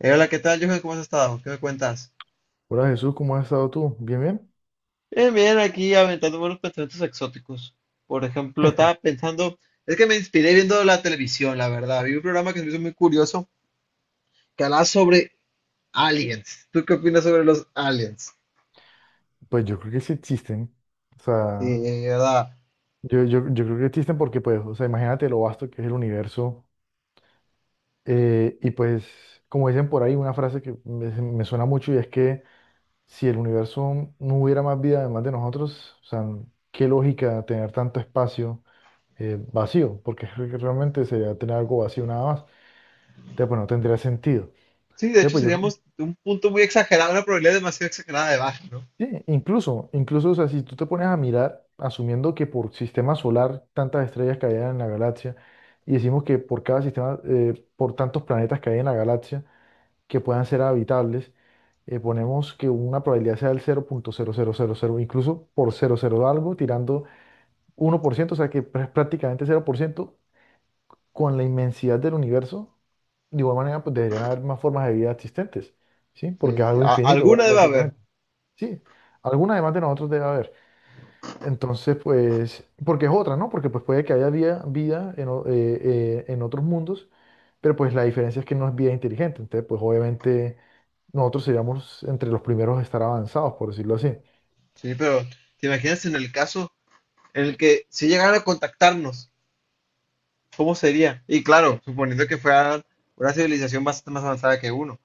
Hola, ¿qué tal, Johan? ¿Cómo has estado? ¿Qué me cuentas? Hola Jesús, ¿cómo has estado tú? ¿Bien, bien? Bien, bien, aquí aventando buenos pensamientos exóticos. Por ejemplo, estaba pensando, es que me inspiré viendo la televisión, la verdad. Vi un programa que se me hizo muy curioso que hablaba sobre aliens. ¿Tú qué opinas sobre los aliens? Pues yo creo que sí existen. O sea, Sí, ¿verdad? yo creo que existen porque, pues, o sea, imagínate lo vasto que es el universo. eh, y pues, Como dicen por ahí, una frase que me suena mucho, y es que si el universo no hubiera más vida además de nosotros, o sea, qué lógica tener tanto espacio vacío, porque es que realmente sería tener algo vacío nada más. Entonces, pues no tendría sentido. Sí, de Entonces, hecho pues yo creo. seríamos un punto muy exagerado, una probabilidad demasiado exagerada de baja, ¿no? Sí, incluso, o sea, si tú te pones a mirar, asumiendo que por sistema solar tantas estrellas caían en la galaxia, y decimos que por cada sistema, por tantos planetas que hay en la galaxia que puedan ser habitables, ponemos que una probabilidad sea del cero punto cero cero cero punto cero, incluso por cero coma cero algo, tirando uno por ciento, o sea que prácticamente cero por ciento, con la inmensidad del universo, de igual manera, pues deberían haber más formas de vida existentes, ¿sí? Porque Sí, es sí, algo infinito, alguna debe haber. básicamente. Sí, alguna además de nosotros debe haber. Entonces, pues, porque es otra, ¿no? Porque pues puede que haya vida, vida en, en otros mundos, pero pues la diferencia es que no es vida inteligente. Entonces, pues obviamente nosotros seríamos entre los primeros a estar avanzados, por decirlo así. Sí, pero ¿te imaginas en el caso en el que si llegaran a contactarnos? ¿Cómo sería? Y claro, suponiendo que fuera una civilización bastante más avanzada que uno.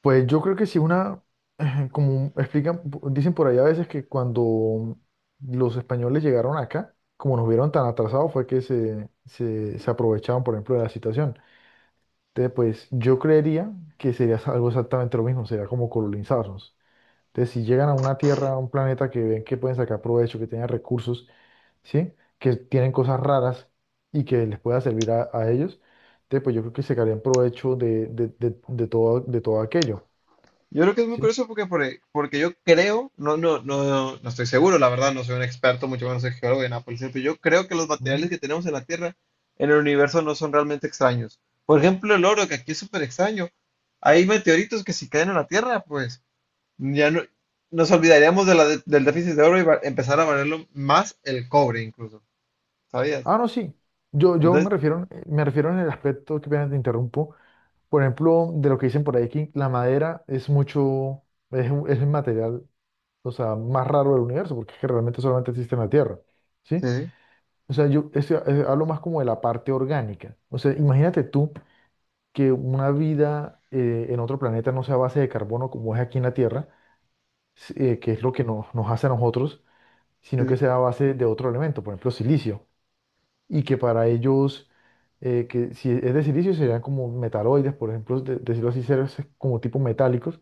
Pues yo creo que si una, como explican, dicen por ahí a veces que cuando los españoles llegaron acá, como nos vieron tan atrasados, fue que se aprovechaban, por ejemplo, de la situación. Entonces, pues yo creería que sería algo exactamente lo mismo, sería como colonizarnos. Entonces, si llegan a una tierra, a un planeta que ven que pueden sacar provecho, que tienen recursos, ¿sí? Que tienen cosas raras y que les pueda servir a ellos, entonces, pues yo creo que sacarían provecho de todo, de todo aquello, Yo creo que es muy ¿sí? curioso porque yo creo, no, no, no, no estoy seguro, la verdad, no soy un experto, mucho menos soy geólogo de Nápoles, pero yo creo que los materiales Ujú. que tenemos en la Tierra, en el universo, no son realmente extraños. Por ejemplo, el oro, que aquí es súper extraño. Hay meteoritos que si caen en la Tierra, pues ya no, nos olvidaríamos de la del déficit de oro y empezar a valerlo más el cobre incluso, ¿sabías? Ah, no, sí. Yo Entonces, me refiero en el aspecto, que apenas te interrumpo. Por ejemplo, de lo que dicen por ahí, que la madera es mucho, es, es el material, o sea, más raro del universo, porque es que realmente solamente existe en la Tierra, ¿sí? sí, O sea, yo este, hablo más como de la parte orgánica. O sea, imagínate tú que una vida en otro planeta no sea a base de carbono como es aquí en la Tierra, que es lo que nos, nos hace a nosotros, sí, sino que sí. sea a base de otro elemento, por ejemplo, silicio. Y que para ellos, que si es de silicio, serían como metaloides, por ejemplo, decirlo así, seres como tipo metálicos.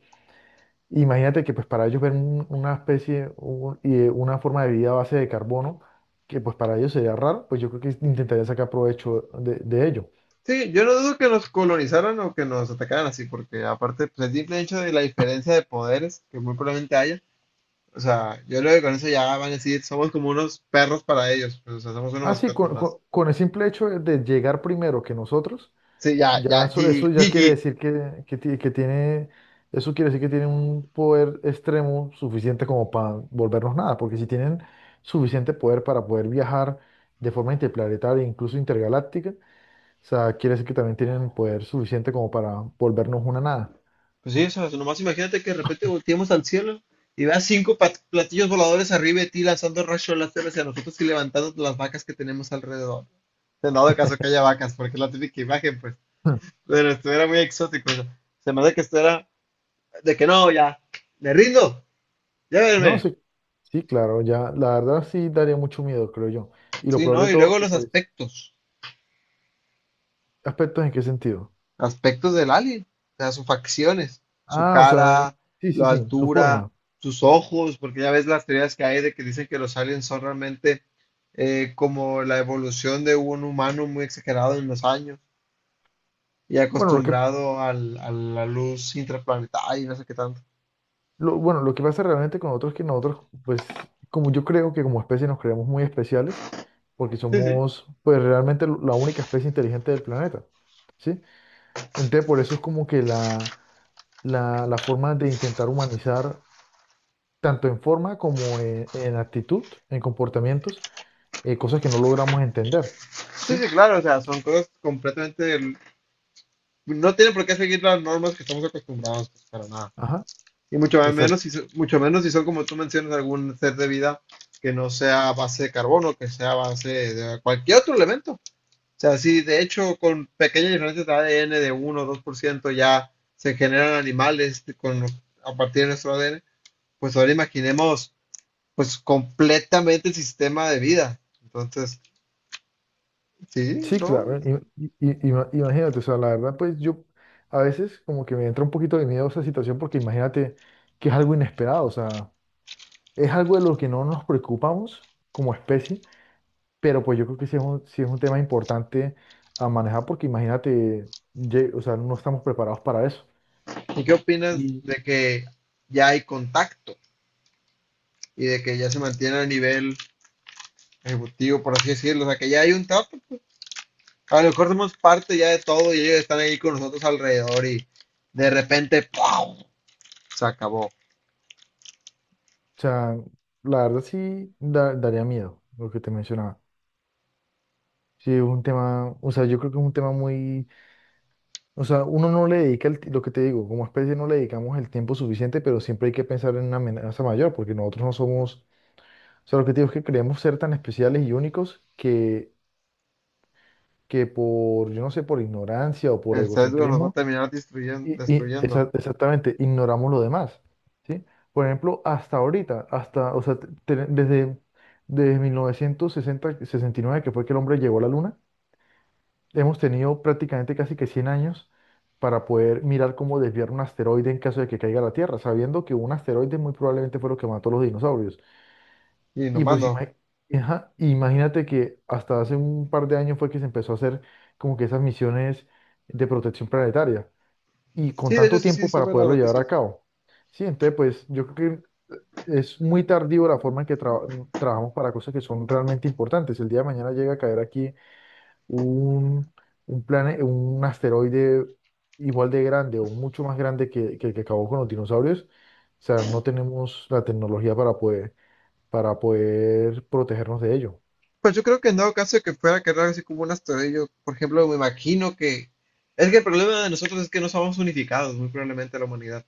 Imagínate que pues para ellos ver una especie una forma de vida a base de carbono, que pues para ellos sería raro, pues yo creo que intentarían sacar provecho de ello. Sí, yo no dudo que nos colonizaron o que nos atacaran así, porque aparte, pues el simple hecho de la diferencia de poderes que muy probablemente haya, o sea, yo creo que con eso ya van a decir, somos como unos perros para ellos, pues, o sea, somos unos Así, mascotas más. Con el simple hecho de llegar primero que nosotros. Sí, ya, Ya ya, eso, GG, eso ya quiere GG. decir que tiene, eso quiere decir que tiene un poder extremo suficiente como para volvernos nada, porque si tienen suficiente poder para poder viajar de forma interplanetaria, incluso intergaláctica, o sea, quiere decir que también tienen poder suficiente como para volvernos una nada. Pues sí, o sea, nomás imagínate que de repente volteemos al cielo y veas cinco platillos voladores arriba de ti lanzando rayos láser hacia nosotros y levantando las vacas que tenemos alrededor. En dado caso que haya vacas, porque es la típica imagen, pues, pero esto era muy exótico, o sea, se me hace que esto era de que no, ya, me rindo, No, llévenme. sí, sí, claro, ya, la verdad sí daría mucho miedo, creo yo. Y lo Sí, peor ¿no? de Y todo, luego que los pues, aspectos, ¿aspectos en qué sentido? aspectos del alien, o sea, sus facciones, su Ah, o sea, cara, sí, sí, la sí, su altura, forma. sus ojos, porque ya ves las teorías que hay de que dicen que los aliens son realmente como la evolución de un humano muy exagerado en los años y Bueno, lo que acostumbrado a la luz intraplanetaria y no sé qué tanto. bueno, lo que pasa realmente con nosotros es que nosotros, pues, como yo creo que como especie nos creemos muy especiales, porque Sí, sí. somos, pues, realmente la única especie inteligente del planeta, ¿sí? Entonces, por eso es como que la forma de intentar humanizar, tanto en forma como en actitud, en comportamientos, cosas que no logramos entender, Sí, ¿sí? sí, claro, o sea, son cosas completamente. No tienen por qué seguir las normas que estamos acostumbrados, pues, para nada. Ajá. Y mucho menos si, mucho menos si son como tú mencionas algún ser de vida que no sea a base de carbono, que sea a base de cualquier otro elemento. O sea, sí, de hecho, con pequeñas diferencias de ADN de 1 o 2% ya se generan animales con, a partir de nuestro ADN. Pues ahora imaginemos, pues, completamente el sistema de vida. Entonces, sí, Sí, ¿no? claro. Imagínate, o sea, la verdad, pues yo a veces como que me entra un poquito de miedo esa situación, porque imagínate que es algo inesperado, o sea, es algo de lo que no nos preocupamos como especie, pero pues yo creo que sí es un tema importante a manejar, porque imagínate, o sea, no estamos preparados para eso. ¿Y qué opinas Y, de que ya hay contacto y de que ya se mantiene a nivel ejecutivo, por así decirlo? O sea, que ya hay un trato. A lo mejor somos parte ya de todo y ellos están ahí con nosotros alrededor y de repente ¡pau! Se acabó. o sea, la verdad sí daría miedo lo que te mencionaba. Sí, es un tema, o sea, yo creo que es un tema muy. O sea, uno no le dedica el lo que te digo, como especie no le dedicamos el tiempo suficiente, pero siempre hay que pensar en una amenaza mayor, porque nosotros no somos, o sea, lo que te digo es que creemos ser tan especiales y únicos que por, yo no sé, por ignorancia o por El sesgo nos va a egocentrismo, terminar destruyendo, y, y destruyendo. exa- exactamente, ignoramos lo demás, ¿sí? Por ejemplo, hasta ahorita, hasta, o sea, desde, desde 1969, que fue que el hombre llegó a la luna, hemos tenido prácticamente casi que 100 años para poder mirar cómo desviar un asteroide en caso de que caiga a la Tierra, sabiendo que un asteroide muy probablemente fue lo que mató a los dinosaurios. Y Y nomás pues no. Imagínate que hasta hace un par de años fue que se empezó a hacer como que esas misiones de protección planetaria, y Sí, con de hecho tanto sí, sí, tiempo para sobre las poderlo llevar noticias. a cabo. Sí, entonces pues yo creo que es muy tardío la forma en que trabajamos para cosas que son realmente importantes. El día de mañana llega a caer aquí un, un asteroide igual de grande o mucho más grande que el que acabó con los dinosaurios, o sea, no tenemos la tecnología para poder protegernos de ello. Pues yo creo que en dado caso de que fuera a quedar así como un asteroide, por ejemplo, me imagino que. Es que el problema de nosotros es que no somos unificados, muy probablemente la humanidad.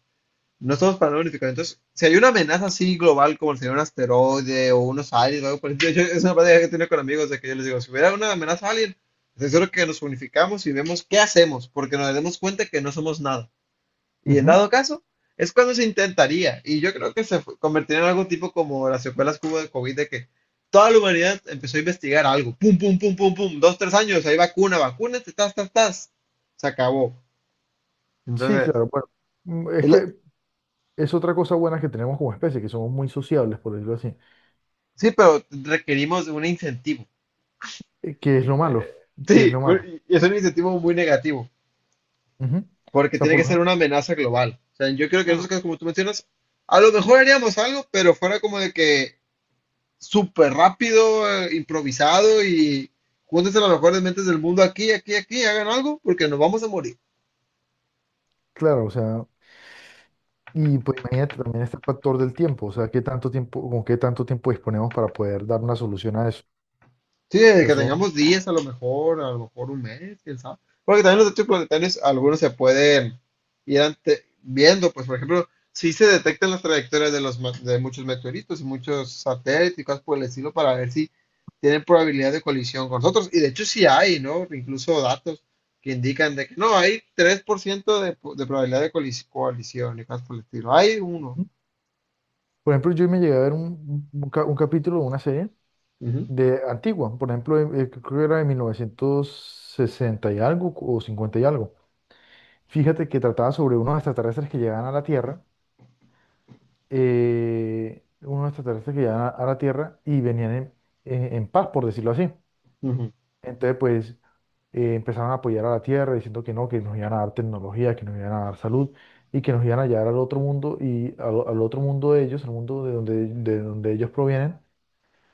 No estamos para nada unificados. Entonces, si hay una amenaza así global, como sería un asteroide o unos aliens, o algo por el estilo, es una plática que he tenido con amigos de que yo les digo, si hubiera una amenaza alien, estoy seguro que nos unificamos y vemos qué hacemos, porque nos damos cuenta que no somos nada. Y en Ujú. dado caso, es cuando se intentaría. Y yo creo que se convertiría en algo tipo como las secuelas que hubo de COVID, de que toda la humanidad empezó a investigar algo. Pum, pum, pum, pum, pum. Dos, tres años, hay vacuna, vacunas tas, tas, tas. Se acabó. Sí, Entonces, claro, bueno, es es la- que es otra cosa buena que tenemos como especie, que somos muy sociables, por decirlo así, sí, pero requerimos de un incentivo. Que es lo malo, Eh, que es Sí, lo bueno, malo. y es un incentivo muy negativo, Ujú. O porque sea, tiene que ser una amenaza global. O sea, yo creo que en esos claro. casos, como tú mencionas, a lo mejor haríamos algo, pero fuera como de que súper rápido, improvisado y júntense las mejores mentes del mundo aquí, aquí, aquí, hagan algo, porque nos vamos a morir. Claro, o sea, y pues imagínate también este factor del tiempo, o sea, qué tanto tiempo, con qué tanto tiempo disponemos para poder dar una solución a eso. Sí, desde sea, que son- tengamos días, a lo mejor un mes, quién sabe. Porque también los desechos planetarios, algunos se pueden ir viendo, pues por ejemplo, si se detectan las trayectorias de de muchos meteoritos y muchos satélites y cosas por el estilo para ver si tienen probabilidad de colisión con nosotros. Y de hecho sí hay, ¿no? Incluso datos que indican de que no, hay 3% de probabilidad de colisión y cosas por el estilo. Hay uno. ¿No? Por ejemplo, yo me llegué a ver un, un capítulo de una serie Ujú, de antigua, por ejemplo, creo que era de 196 o 50 y algo. Fíjate que trataba sobre unos extraterrestres que llegaban a la Tierra, unos extraterrestres que llegaban a la Tierra, y venían en, en paz, por decirlo así. ujú. Entonces, pues empezaron a apoyar a la Tierra diciendo que no, que nos iban a dar tecnología, que nos iban a dar salud, y que nos iban a llevar al otro mundo y al, al otro mundo de ellos, al mundo de donde ellos provienen,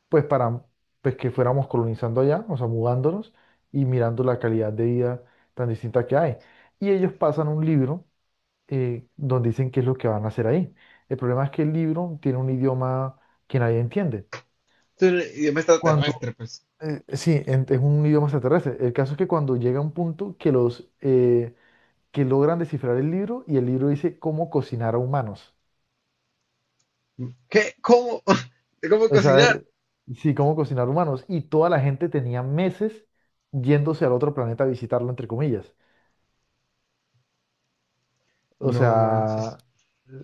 pues para pues que fuéramos colonizando allá, o sea, mudándonos y mirando la calidad de vida tan distinta que hay. Y ellos pasan un libro donde dicen qué es lo que van a hacer ahí. El problema es que el libro tiene un idioma que nadie entiende. Entonces, idioma Cuando, extraterrestre, pues. Sí, es un idioma extraterrestre. El caso es que cuando llega un punto que los que logran descifrar el libro, y el libro dice cómo cocinar a humanos. ¿Qué? ¿Cómo? ¿Cómo O cocinar? sea, sí, cómo cocinar humanos. Y toda la gente tenía meses yéndose al otro planeta a visitarlo, entre comillas. O No manches. sea,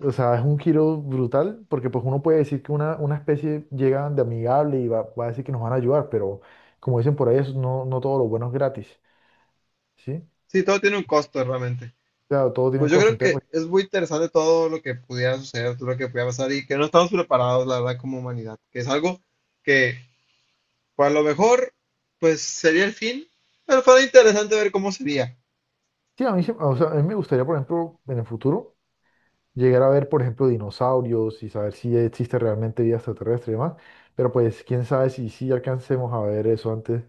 o sea, es un giro brutal, porque pues uno puede decir que una especie llega de amigable y va a decir que nos van a ayudar, pero como dicen por ahí, eso no, no todo lo bueno es gratis, ¿sí? Sí, todo tiene un costo realmente. Claro, todo tiene un Pues yo costo. creo Entonces, que pues, es muy interesante todo lo que pudiera suceder, todo lo que pudiera pasar y que no estamos preparados, la verdad, como humanidad, que es algo que, pues a lo mejor, pues sería el fin, pero fue interesante ver cómo sería. sí, a mí, o sea, a mí me gustaría, por ejemplo, en el futuro llegar a ver, por ejemplo, dinosaurios y saber si existe realmente vida extraterrestre y demás. Pero pues, quién sabe si sí alcancemos a ver eso antes,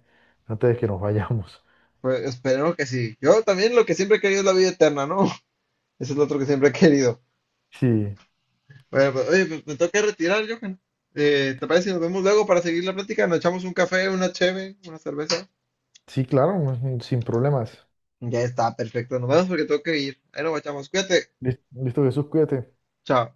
antes de que nos vayamos. Pues esperemos que sí. Yo también lo que siempre he querido es la vida eterna, ¿no? Eso es lo otro que siempre he querido. Sí, Bueno, pues, oye, pues me tengo que retirar, Johan. ¿Te parece si nos vemos luego para seguir la plática? Nos echamos un café, una cheve, una cerveza. sí, claro, sin problemas. Ya está, perfecto. Nos vemos porque tengo que ir. Ahí nos guachamos. Cuídate. Listo, Jesús, cuídate. Chao.